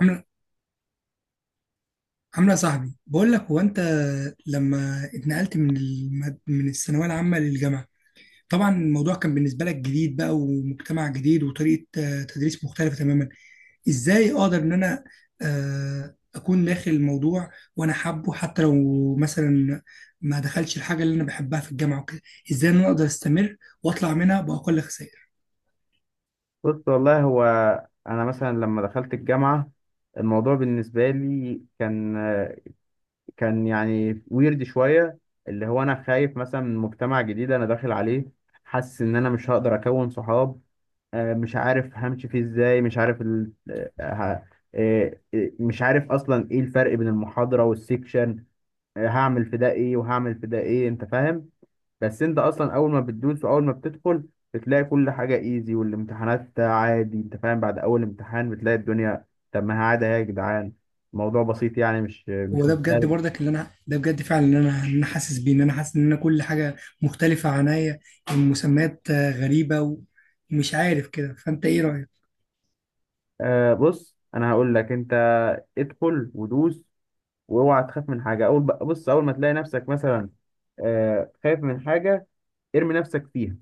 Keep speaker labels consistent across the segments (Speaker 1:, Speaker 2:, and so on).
Speaker 1: عاملة عاملة صاحبي، بقول لك هو انت لما اتنقلت من الثانوية العامة للجامعة، طبعا الموضوع كان بالنسبة لك جديد بقى، ومجتمع جديد، وطريقة تدريس مختلفة تماما. ازاي اقدر ان انا اكون داخل الموضوع وانا حابه، حتى لو مثلا ما دخلش الحاجة اللي انا بحبها في الجامعة وكده؟ ازاي ان انا اقدر استمر واطلع منها بأقل خسائر؟
Speaker 2: بص، والله هو انا مثلا لما دخلت الجامعه الموضوع بالنسبه لي كان يعني ويرد شويه، اللي هو انا خايف مثلا من مجتمع جديد انا داخل عليه، حاسس ان انا مش هقدر اكون صحاب. مش عارف همشي فيه ازاي، مش عارف ال... آه، ه- آه، آه، مش عارف اصلا ايه الفرق بين المحاضره والسيكشن. هعمل في ده ايه وهعمل في ده ايه؟ انت فاهم؟ بس انت اصلا اول ما بتدوس واول ما بتدخل بتلاقي كل حاجه ايزي والامتحانات عادي، انت فاهم؟ بعد اول امتحان بتلاقي الدنيا. طب ما هي عادي اهي يا جدعان، الموضوع بسيط يعني، مش
Speaker 1: هو
Speaker 2: مش
Speaker 1: ده بجد
Speaker 2: مختلف.
Speaker 1: برضك اللي انا، ده بجد فعلا اللي انا حاسس بيه، ان انا حاسس ان انا كل حاجه مختلفه عنيا. المسميات غريبه ومش عارف كده. فانت ايه رايك؟
Speaker 2: بص، انا هقول لك انت: ادخل ودوس، واوعى تخاف من حاجه. اول بص، اول ما تلاقي نفسك مثلا خايف من حاجه، ارمي نفسك فيها.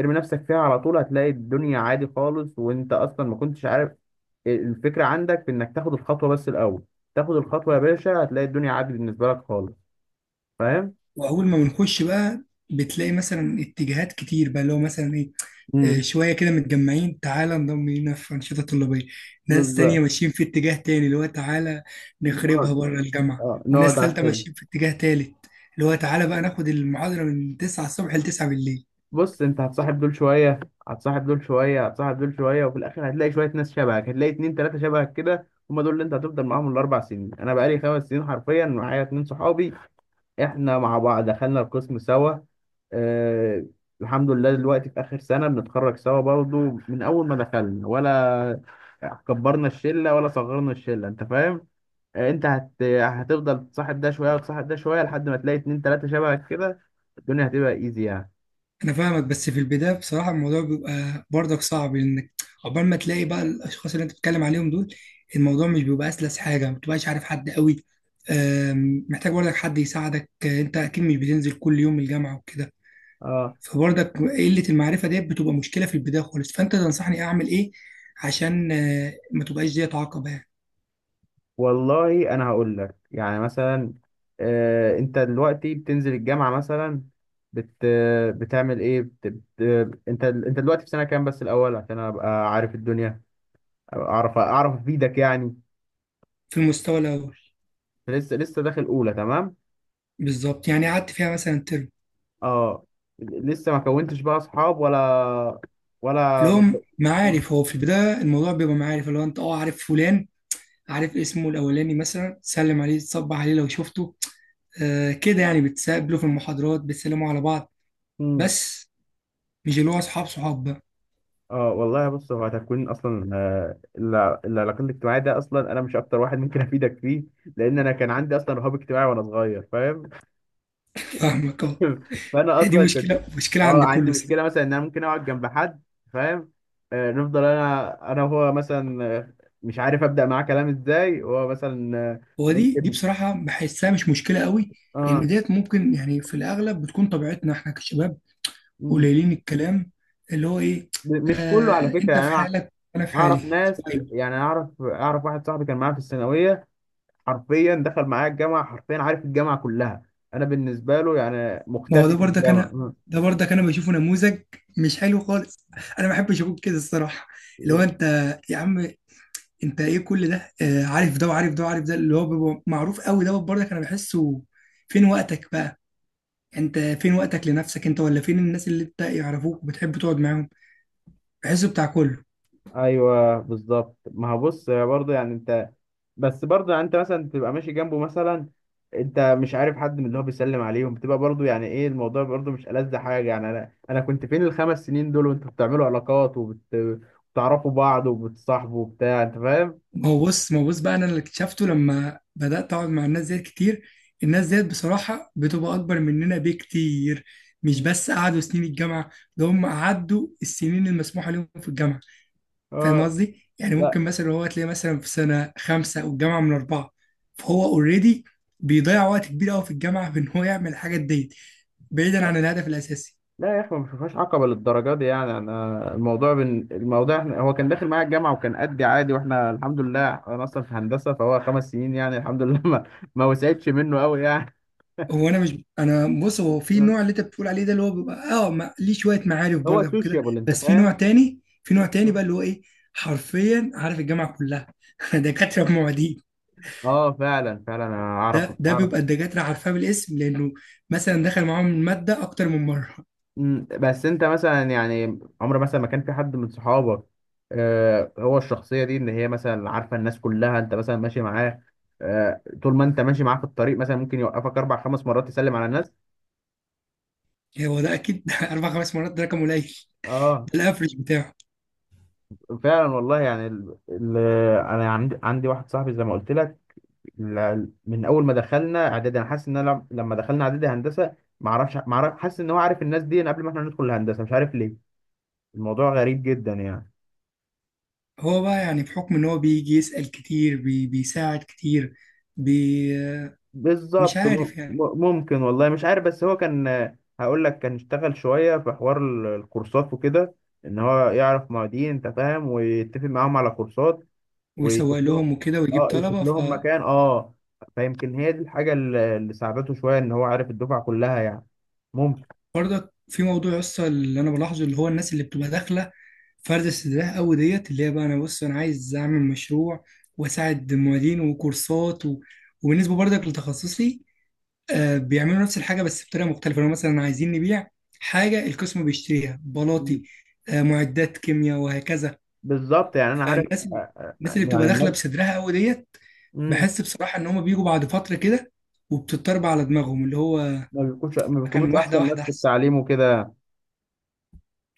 Speaker 2: ارمي نفسك فيها على طول هتلاقي الدنيا عادي خالص، وانت اصلا ما كنتش عارف. الفكرة عندك في انك تاخد الخطوة بس الاول، تاخد الخطوة يا باشا هتلاقي الدنيا عادي بالنسبة لك خالص. فاهم؟
Speaker 1: واول ما بنخش بقى بتلاقي مثلا اتجاهات كتير بقى، اللي هو مثلا ايه،
Speaker 2: امم،
Speaker 1: شويه كده متجمعين، تعالى انضم لينا في انشطه طلابيه. ناس تانية
Speaker 2: بالظبط.
Speaker 1: ماشيين في اتجاه تاني، اللي هو تعالى نخربها
Speaker 2: نقعد،
Speaker 1: بره الجامعه.
Speaker 2: اه نقعد
Speaker 1: وناس
Speaker 2: على
Speaker 1: تالتة
Speaker 2: السلم.
Speaker 1: ماشيين في اتجاه تالت، اللي هو تعالى بقى ناخد المحاضره من 9 الصبح ل 9 بالليل.
Speaker 2: بص، انت هتصاحب دول شوية هتصاحب دول شوية هتصاحب دول شوية، وفي الاخر هتلاقي شوية ناس شبهك، هتلاقي اتنين تلاتة شبهك كده، هما دول اللي انت هتفضل معاهم ال4 سنين. انا بقالي 5 سنين حرفيا معايا اتنين صحابي، احنا مع بعض دخلنا القسم سوا. آه. الحمد لله دلوقتي في آخر سنة بنتخرج سوا برضو، من أول ما دخلنا، ولا كبرنا الشلة ولا صغرنا الشلة. أنت فاهم؟ أنت هتفضل تصاحب ده شوية وتصاحب ده شوية لحد ما تلاقي اتنين تلاتة شبهك كده. الدنيا هتبقى إيزي يعني.
Speaker 1: انا فاهمك، بس في البدايه بصراحه الموضوع بيبقى برضك صعب، لانك عقبال ما تلاقي بقى الاشخاص اللي انت بتتكلم عليهم دول، الموضوع مش بيبقى اسلس حاجه. ما بتبقاش عارف حد قوي، محتاج برضك حد يساعدك. انت اكيد مش بتنزل كل يوم الجامعه وكده،
Speaker 2: آه
Speaker 1: فبرضك قله المعرفه ديت بتبقى مشكله في البدايه خالص. فانت تنصحني اعمل ايه عشان ما تبقاش ديت عقبه يعني؟
Speaker 2: والله أنا هقول لك يعني مثلا، أنت دلوقتي بتنزل الجامعة مثلا، بت... بتعمل إيه؟ بت... بت... أنت أنت دلوقتي في سنة كام بس الأول، عشان أبقى عارف الدنيا، أبقى أعرف أفيدك يعني.
Speaker 1: في المستوى الاول.
Speaker 2: لسه داخل اولى، تمام.
Speaker 1: بالظبط، يعني قعدت فيها مثلا ترم.
Speaker 2: اه، لسه ما كونتش بقى اصحاب، ولا.
Speaker 1: اللي هو
Speaker 2: آه.
Speaker 1: معارف، هو في البدايه الموضوع بيبقى معارف، اللي هو انت اه عارف فلان، عارف اسمه الاولاني، مثلا تسلم عليه، تصبح عليه لو شفته. آه كده يعني، بتسابله في المحاضرات، بتسلموا على بعض
Speaker 2: مم.
Speaker 1: بس. مش اللي هو اصحاب، صحاب بقى.
Speaker 2: اه والله بص، هو تكوين اصلا العلاقات الاجتماعيه ده اصلا انا مش اكتر واحد ممكن افيدك فيه، لان انا كان عندي اصلا رهاب اجتماعي وانا صغير. فاهم؟
Speaker 1: فاهمك اه.
Speaker 2: فانا
Speaker 1: هي دي
Speaker 2: اصلا كنت
Speaker 1: مشكله مشكله
Speaker 2: اه
Speaker 1: عند كل
Speaker 2: عندي
Speaker 1: الصراحه.
Speaker 2: مشكله مثلا ان انا ممكن اقعد جنب حد، فاهم؟ نفضل انا وهو مثلا، مش عارف ابدا معاه كلام ازاي، وهو مثلا،
Speaker 1: هو دي
Speaker 2: ممكن.
Speaker 1: بصراحه بحسها مش مشكله قوي، لان
Speaker 2: اه،
Speaker 1: ديت ممكن، يعني في الاغلب بتكون طبيعتنا احنا كشباب قليلين الكلام، اللي هو ايه،
Speaker 2: مش كله على
Speaker 1: آه
Speaker 2: فكرة
Speaker 1: انت
Speaker 2: يعني،
Speaker 1: في
Speaker 2: أنا
Speaker 1: حالك انا في حالي.
Speaker 2: أعرف ناس.
Speaker 1: طيب.
Speaker 2: يعني أنا أعرف، واحد صاحبي كان معايا في الثانوية، حرفيا دخل معايا الجامعة، حرفيا عارف الجامعة كلها. أنا بالنسبة له يعني
Speaker 1: ما هو ده
Speaker 2: مختفي في
Speaker 1: برضك
Speaker 2: الجامعة.
Speaker 1: انا ده برضك انا بشوفه نموذج مش حلو خالص. انا ما بحبش اقول كده الصراحه، اللي هو
Speaker 2: م-
Speaker 1: انت يا عم، انت ايه كل ده؟ آه عارف ده وعارف ده وعارف ده، اللي هو بيبقى معروف قوي دوت برضك انا بحسه، فين وقتك بقى؟ انت فين وقتك لنفسك انت، ولا فين الناس اللي انت يعرفوك وبتحب تقعد معاهم؟ بحسه بتاع كله.
Speaker 2: أيوه بالظبط. ما هو بص برضه، يعني أنت، بس برضه يعني أنت مثلا تبقى ماشي جنبه مثلا، أنت مش عارف حد من اللي هو بيسلم عليهم، بتبقى برضه، يعني إيه الموضوع؟ برضه مش ألذ حاجة يعني. أنا كنت فين ال5 سنين دول وأنتوا بتعملوا علاقات، وبتعرفوا بعض وبتصاحبوا وبتاع. أنت فاهم؟
Speaker 1: ما هو بص، ما هو بص بقى، انا اللي اكتشفته لما بدات اقعد مع الناس ديت كتير، الناس ديت بصراحه بتبقى اكبر مننا بكتير. مش
Speaker 2: م.
Speaker 1: بس قعدوا سنين الجامعه، ده هم قعدوا السنين المسموحه لهم في الجامعه. فاهم
Speaker 2: اه،
Speaker 1: قصدي؟ يعني
Speaker 2: لا
Speaker 1: ممكن مثلا هو تلاقيه مثلا في سنه خمسه والجامعه من اربعه، فهو اوريدي بيضيع وقت كبير قوي في الجامعه في ان هو يعمل الحاجات ديت بعيدا
Speaker 2: لا
Speaker 1: عن الهدف الاساسي.
Speaker 2: لا يا اخي، ما فيهاش عقبه للدرجه دي يعني. انا الموضوع احنا، هو كان داخل معايا الجامعه وكان قدي عادي، واحنا الحمد لله انا اصلا في هندسه، فهو 5 سنين يعني الحمد لله، ما وسعتش منه قوي يعني.
Speaker 1: هو انا مش، انا بص، هو في نوع اللي انت بتقول عليه ده اللي هو بيبقى اه ليه شويه معارف
Speaker 2: هو
Speaker 1: برضك وكده.
Speaker 2: سوشيابل، انت
Speaker 1: بس في نوع
Speaker 2: فاهم؟
Speaker 1: تاني، في نوع تاني بقى اللي هو ايه، حرفيا عارف الجامعه كلها. دكاتره بمواعيد
Speaker 2: اه فعلا فعلا، انا اعرف
Speaker 1: ده
Speaker 2: اعرف
Speaker 1: بيبقى الدكاتره عارفاه بالاسم، لانه مثلا دخل معاهم الماده اكتر من مره.
Speaker 2: بس انت مثلا يعني عمر مثلا ما كان في حد من صحابك. هو الشخصيه دي ان هي مثلا عارفه الناس كلها، انت مثلا ماشي معاه، طول ما انت ماشي معاه في الطريق مثلا ممكن يوقفك اربع خمس مرات تسلم على الناس.
Speaker 1: يعني هو ده اكيد اربع خمس مرات ده رقم قليل،
Speaker 2: اه
Speaker 1: ده الافرج بتاعه.
Speaker 2: فعلا والله، يعني انا عندي واحد صاحبي زي ما قلت لك، من اول ما دخلنا اعدادي، انا حاسس ان انا لما دخلنا اعدادي هندسه، ما اعرف، حاسس ان هو عارف الناس دي قبل ما احنا ندخل الهندسه، مش عارف ليه. الموضوع غريب جدا يعني.
Speaker 1: هو بقى يعني بحكم ان هو بيجي يسال كتير بيساعد كتير، بي
Speaker 2: بالظبط،
Speaker 1: مش عارف يعني،
Speaker 2: ممكن، والله مش عارف، بس هو كان، هقول لك كان اشتغل شويه في حوار الكورسات وكده، ان هو يعرف معيدين، انت فاهم؟ ويتفق معاهم على كورسات، ويشوف
Speaker 1: ويسوق
Speaker 2: لهم.
Speaker 1: لهم وكده ويجيب
Speaker 2: اه، يشوف
Speaker 1: طلبه.
Speaker 2: لهم مكان. اه، فيمكن هي دي الحاجة اللي ساعدته شوية، ان هو عارف الدفعة كلها يعني. ممكن.
Speaker 1: برضك في موضوع لسه اللي انا بلاحظه، اللي هو الناس اللي بتبقى داخله فرد استدراك قوي ديت، اللي هي بقى انا بص انا عايز اعمل مشروع واساعد موالين وكورسات و... وبالنسبه برضك لتخصصي، بيعملوا نفس الحاجه بس بطريقه مختلفه. لو مثلا عايزين نبيع حاجه القسم بيشتريها بلاطي،
Speaker 2: مم.
Speaker 1: معدات كيمياء وهكذا.
Speaker 2: بالظبط، يعني انا عارف.
Speaker 1: فالناس، الناس اللي
Speaker 2: يعني
Speaker 1: بتبقى داخله
Speaker 2: الناس.
Speaker 1: بصدرها قوي ديت،
Speaker 2: مم،
Speaker 1: بحس بصراحه ان هم بيجوا بعد فتره كده، وبتضطرب على دماغهم اللي هو
Speaker 2: ما
Speaker 1: كان
Speaker 2: بيكونوش
Speaker 1: واحده
Speaker 2: احسن ناس
Speaker 1: واحده
Speaker 2: في
Speaker 1: احسن.
Speaker 2: التعليم وكده،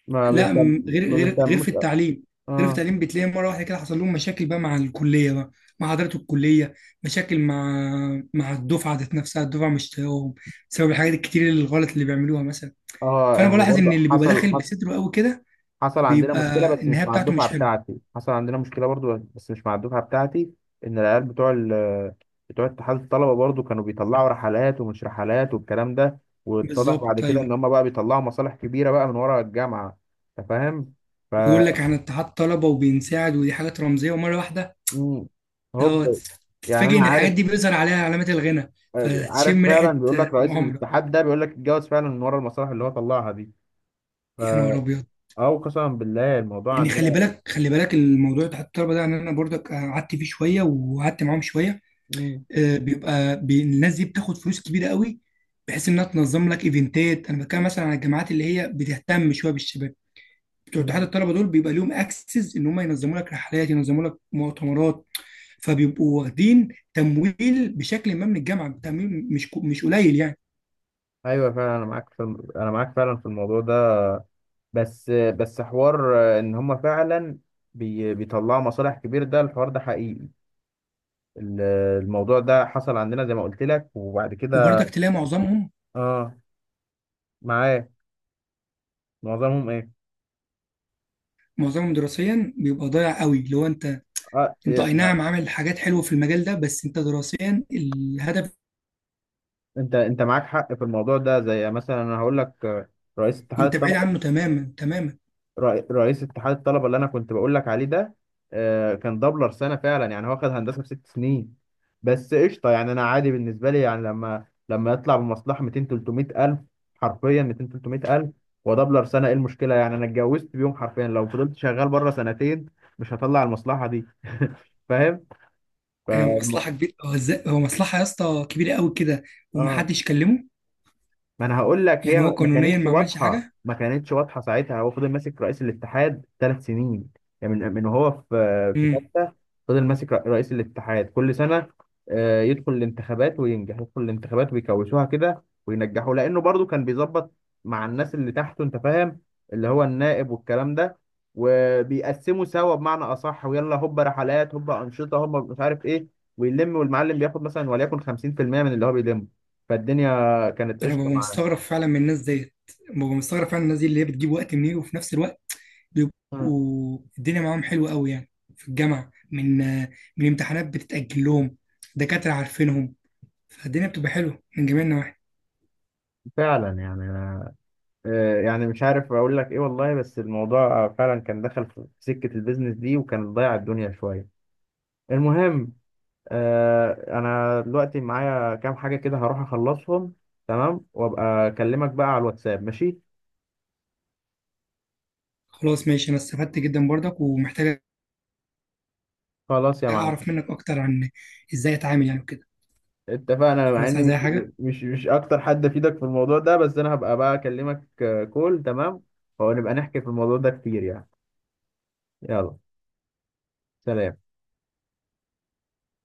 Speaker 2: ما
Speaker 1: لا
Speaker 2: بيهتم
Speaker 1: غير،
Speaker 2: ما
Speaker 1: غير
Speaker 2: بيهتموش.
Speaker 1: في التعليم، غير في
Speaker 2: اه.
Speaker 1: التعليم بتلاقي مره واحده كده حصل لهم مشاكل بقى مع الكليه بقى، مع حضرات الكليه، مشاكل مع الدفعه ذات نفسها. الدفعه مش طايقاهم بسبب الحاجات الكتير الغلط اللي بيعملوها مثلا.
Speaker 2: اه
Speaker 1: فانا
Speaker 2: هو
Speaker 1: بلاحظ ان
Speaker 2: برضه
Speaker 1: اللي بيبقى داخل بصدره قوي كده
Speaker 2: حصل عندنا مشكلة،
Speaker 1: بيبقى
Speaker 2: بس مش
Speaker 1: النهايه
Speaker 2: مع
Speaker 1: بتاعته
Speaker 2: الدفعة
Speaker 1: مش حلوه.
Speaker 2: بتاعتي. حصل عندنا مشكلة برضو، بس مش مع الدفعة بتاعتي، إن العيال بتوع اتحاد الطلبة برضو كانوا بيطلعوا رحلات ومش رحلات والكلام ده، واتضح بعد
Speaker 1: بالظبط
Speaker 2: كده إن
Speaker 1: ايوه.
Speaker 2: هما بقى بيطلعوا مصالح كبيرة بقى من ورا الجامعة. أنت فاهم؟ ف
Speaker 1: ويقول لك عن اتحاد طلبه وبينساعد، ودي حاجات رمزيه، ومره واحده
Speaker 2: مم.
Speaker 1: هو
Speaker 2: هوب. يعني
Speaker 1: تتفاجئ
Speaker 2: أنا
Speaker 1: ان
Speaker 2: عارف،
Speaker 1: الحاجات دي بيظهر عليها علامات الغنى فتشم
Speaker 2: فعلا
Speaker 1: ريحه
Speaker 2: بيقول لك رئيس
Speaker 1: مؤامره.
Speaker 2: الاتحاد ده، بيقول لك اتجوز فعلا من ورا المصالح اللي هو طلعها دي. ف
Speaker 1: يا نهار ابيض!
Speaker 2: أو قسما بالله الموضوع
Speaker 1: يعني خلي
Speaker 2: عندنا.
Speaker 1: بالك، خلي بالك، الموضوع بتاع الطلبه ده، يعني انا برضك قعدت فيه شويه، وقعدت معاهم شويه.
Speaker 2: مم.
Speaker 1: بيبقى الناس دي بتاخد فلوس كبيره قوي، بحيث انها تنظم لك ايفنتات. انا بتكلم مثلا على الجامعات اللي هي بتهتم شويه بالشباب. بتوع اتحاد
Speaker 2: مم.
Speaker 1: الطلبه دول بيبقى ليهم اكسس ان هم ينظموا لك رحلات، ينظموا لك مؤتمرات، فبيبقوا واخدين تمويل بشكل ما من الجامعه، تمويل مش قليل يعني.
Speaker 2: ايوه فعلا، انا معاك فعلا في الموضوع ده. بس حوار ان هم فعلا بيطلعوا مصالح كبير، ده الحوار ده حقيقي، ال- الموضوع ده حصل عندنا زي ما قلت لك، وبعد كده.
Speaker 1: وبرضك تلاقي معظمهم
Speaker 2: اه، معاه. معظمهم ايه؟
Speaker 1: معظمهم دراسيا بيبقى ضايع قوي. لو انت،
Speaker 2: اه،
Speaker 1: انت
Speaker 2: إيه،
Speaker 1: اي نعم عامل حاجات حلوه في المجال ده، بس انت دراسيا الهدف،
Speaker 2: انت معاك حق في الموضوع ده، زي مثلا انا هقول لك، رئيس اتحاد
Speaker 1: انت بعيد
Speaker 2: الطلبه،
Speaker 1: عنه تماما تماما.
Speaker 2: رئيس اتحاد الطلبه اللي انا كنت بقول لك عليه ده، كان دبلر سنه فعلا، يعني هو خد هندسه في 6 سنين، بس قشطه يعني. انا عادي بالنسبه لي يعني، لما يطلع بمصلحه 200 300 الف، حرفيا 200 300 الف، ودبلر سنه، ايه المشكله؟ يعني انا اتجوزت بيوم، حرفيا لو فضلت شغال بره سنتين مش هطلع المصلحه دي فاهم؟ فالم...
Speaker 1: مصلحه كبيره. هو ازاي، هو مصلحه يا اسطى كبيره قوي كده
Speaker 2: اه
Speaker 1: ومحدش كلمه؟
Speaker 2: ما انا هقول لك،
Speaker 1: يعني
Speaker 2: هي
Speaker 1: هو
Speaker 2: ما
Speaker 1: قانونيا
Speaker 2: كانتش
Speaker 1: ما عملش
Speaker 2: واضحه،
Speaker 1: حاجه.
Speaker 2: ما كانتش واضحه ساعتها، هو فضل ماسك رئيس الاتحاد 3 سنين، يعني من وهو في
Speaker 1: امم
Speaker 2: ثالثه، فضل ماسك رئيس الاتحاد كل سنه. يدخل الانتخابات وينجح، يدخل الانتخابات ويكوشوها كده وينجحوا، لانه برضو كان بيظبط مع الناس اللي تحته، انت فاهم؟ اللي هو النائب والكلام ده، وبيقسموا سوا بمعنى اصح. ويلا هوبا رحلات، هوبا انشطه، هوبا مش عارف ايه، ويلم، والمعلم بياخد مثلا وليكن 50% من اللي هو بيلمه. فالدنيا كانت
Speaker 1: انا ببقى
Speaker 2: قشطه.
Speaker 1: مستغرب فعلا من الناس ديت، ببقى مستغرب فعلا. الناس دي اللي هي بتجيب وقت منين؟ وفي نفس الوقت
Speaker 2: مم.
Speaker 1: بيبقوا الدنيا معاهم حلوه قوي يعني في الجامعه، من من امتحانات بتتاجل لهم، دكاتره عارفينهم، فالدنيا بتبقى حلوه من جميع النواحي.
Speaker 2: فعلا يعني أنا، يعني مش عارف اقول لك ايه والله، بس الموضوع فعلا كان دخل في سكة البيزنس دي، وكان ضيع الدنيا شوية. المهم، انا دلوقتي معايا كام حاجة كده، هروح اخلصهم تمام، وابقى اكلمك بقى على الواتساب، ماشي؟
Speaker 1: خلاص ماشي، انا استفدت جدا برضك، ومحتاج
Speaker 2: خلاص يا معلم،
Speaker 1: اعرف منك اكتر عن ازاي اتعامل يعني وكده.
Speaker 2: اتفقنا مع
Speaker 1: خلاص
Speaker 2: اني
Speaker 1: عايز اي
Speaker 2: مش
Speaker 1: حاجه.
Speaker 2: مش مش اكتر حد افيدك في الموضوع ده، بس انا هبقى بقى اكلمك، كول تمام، ونبقى نحكي في الموضوع ده كتير يعني. يلا، سلام.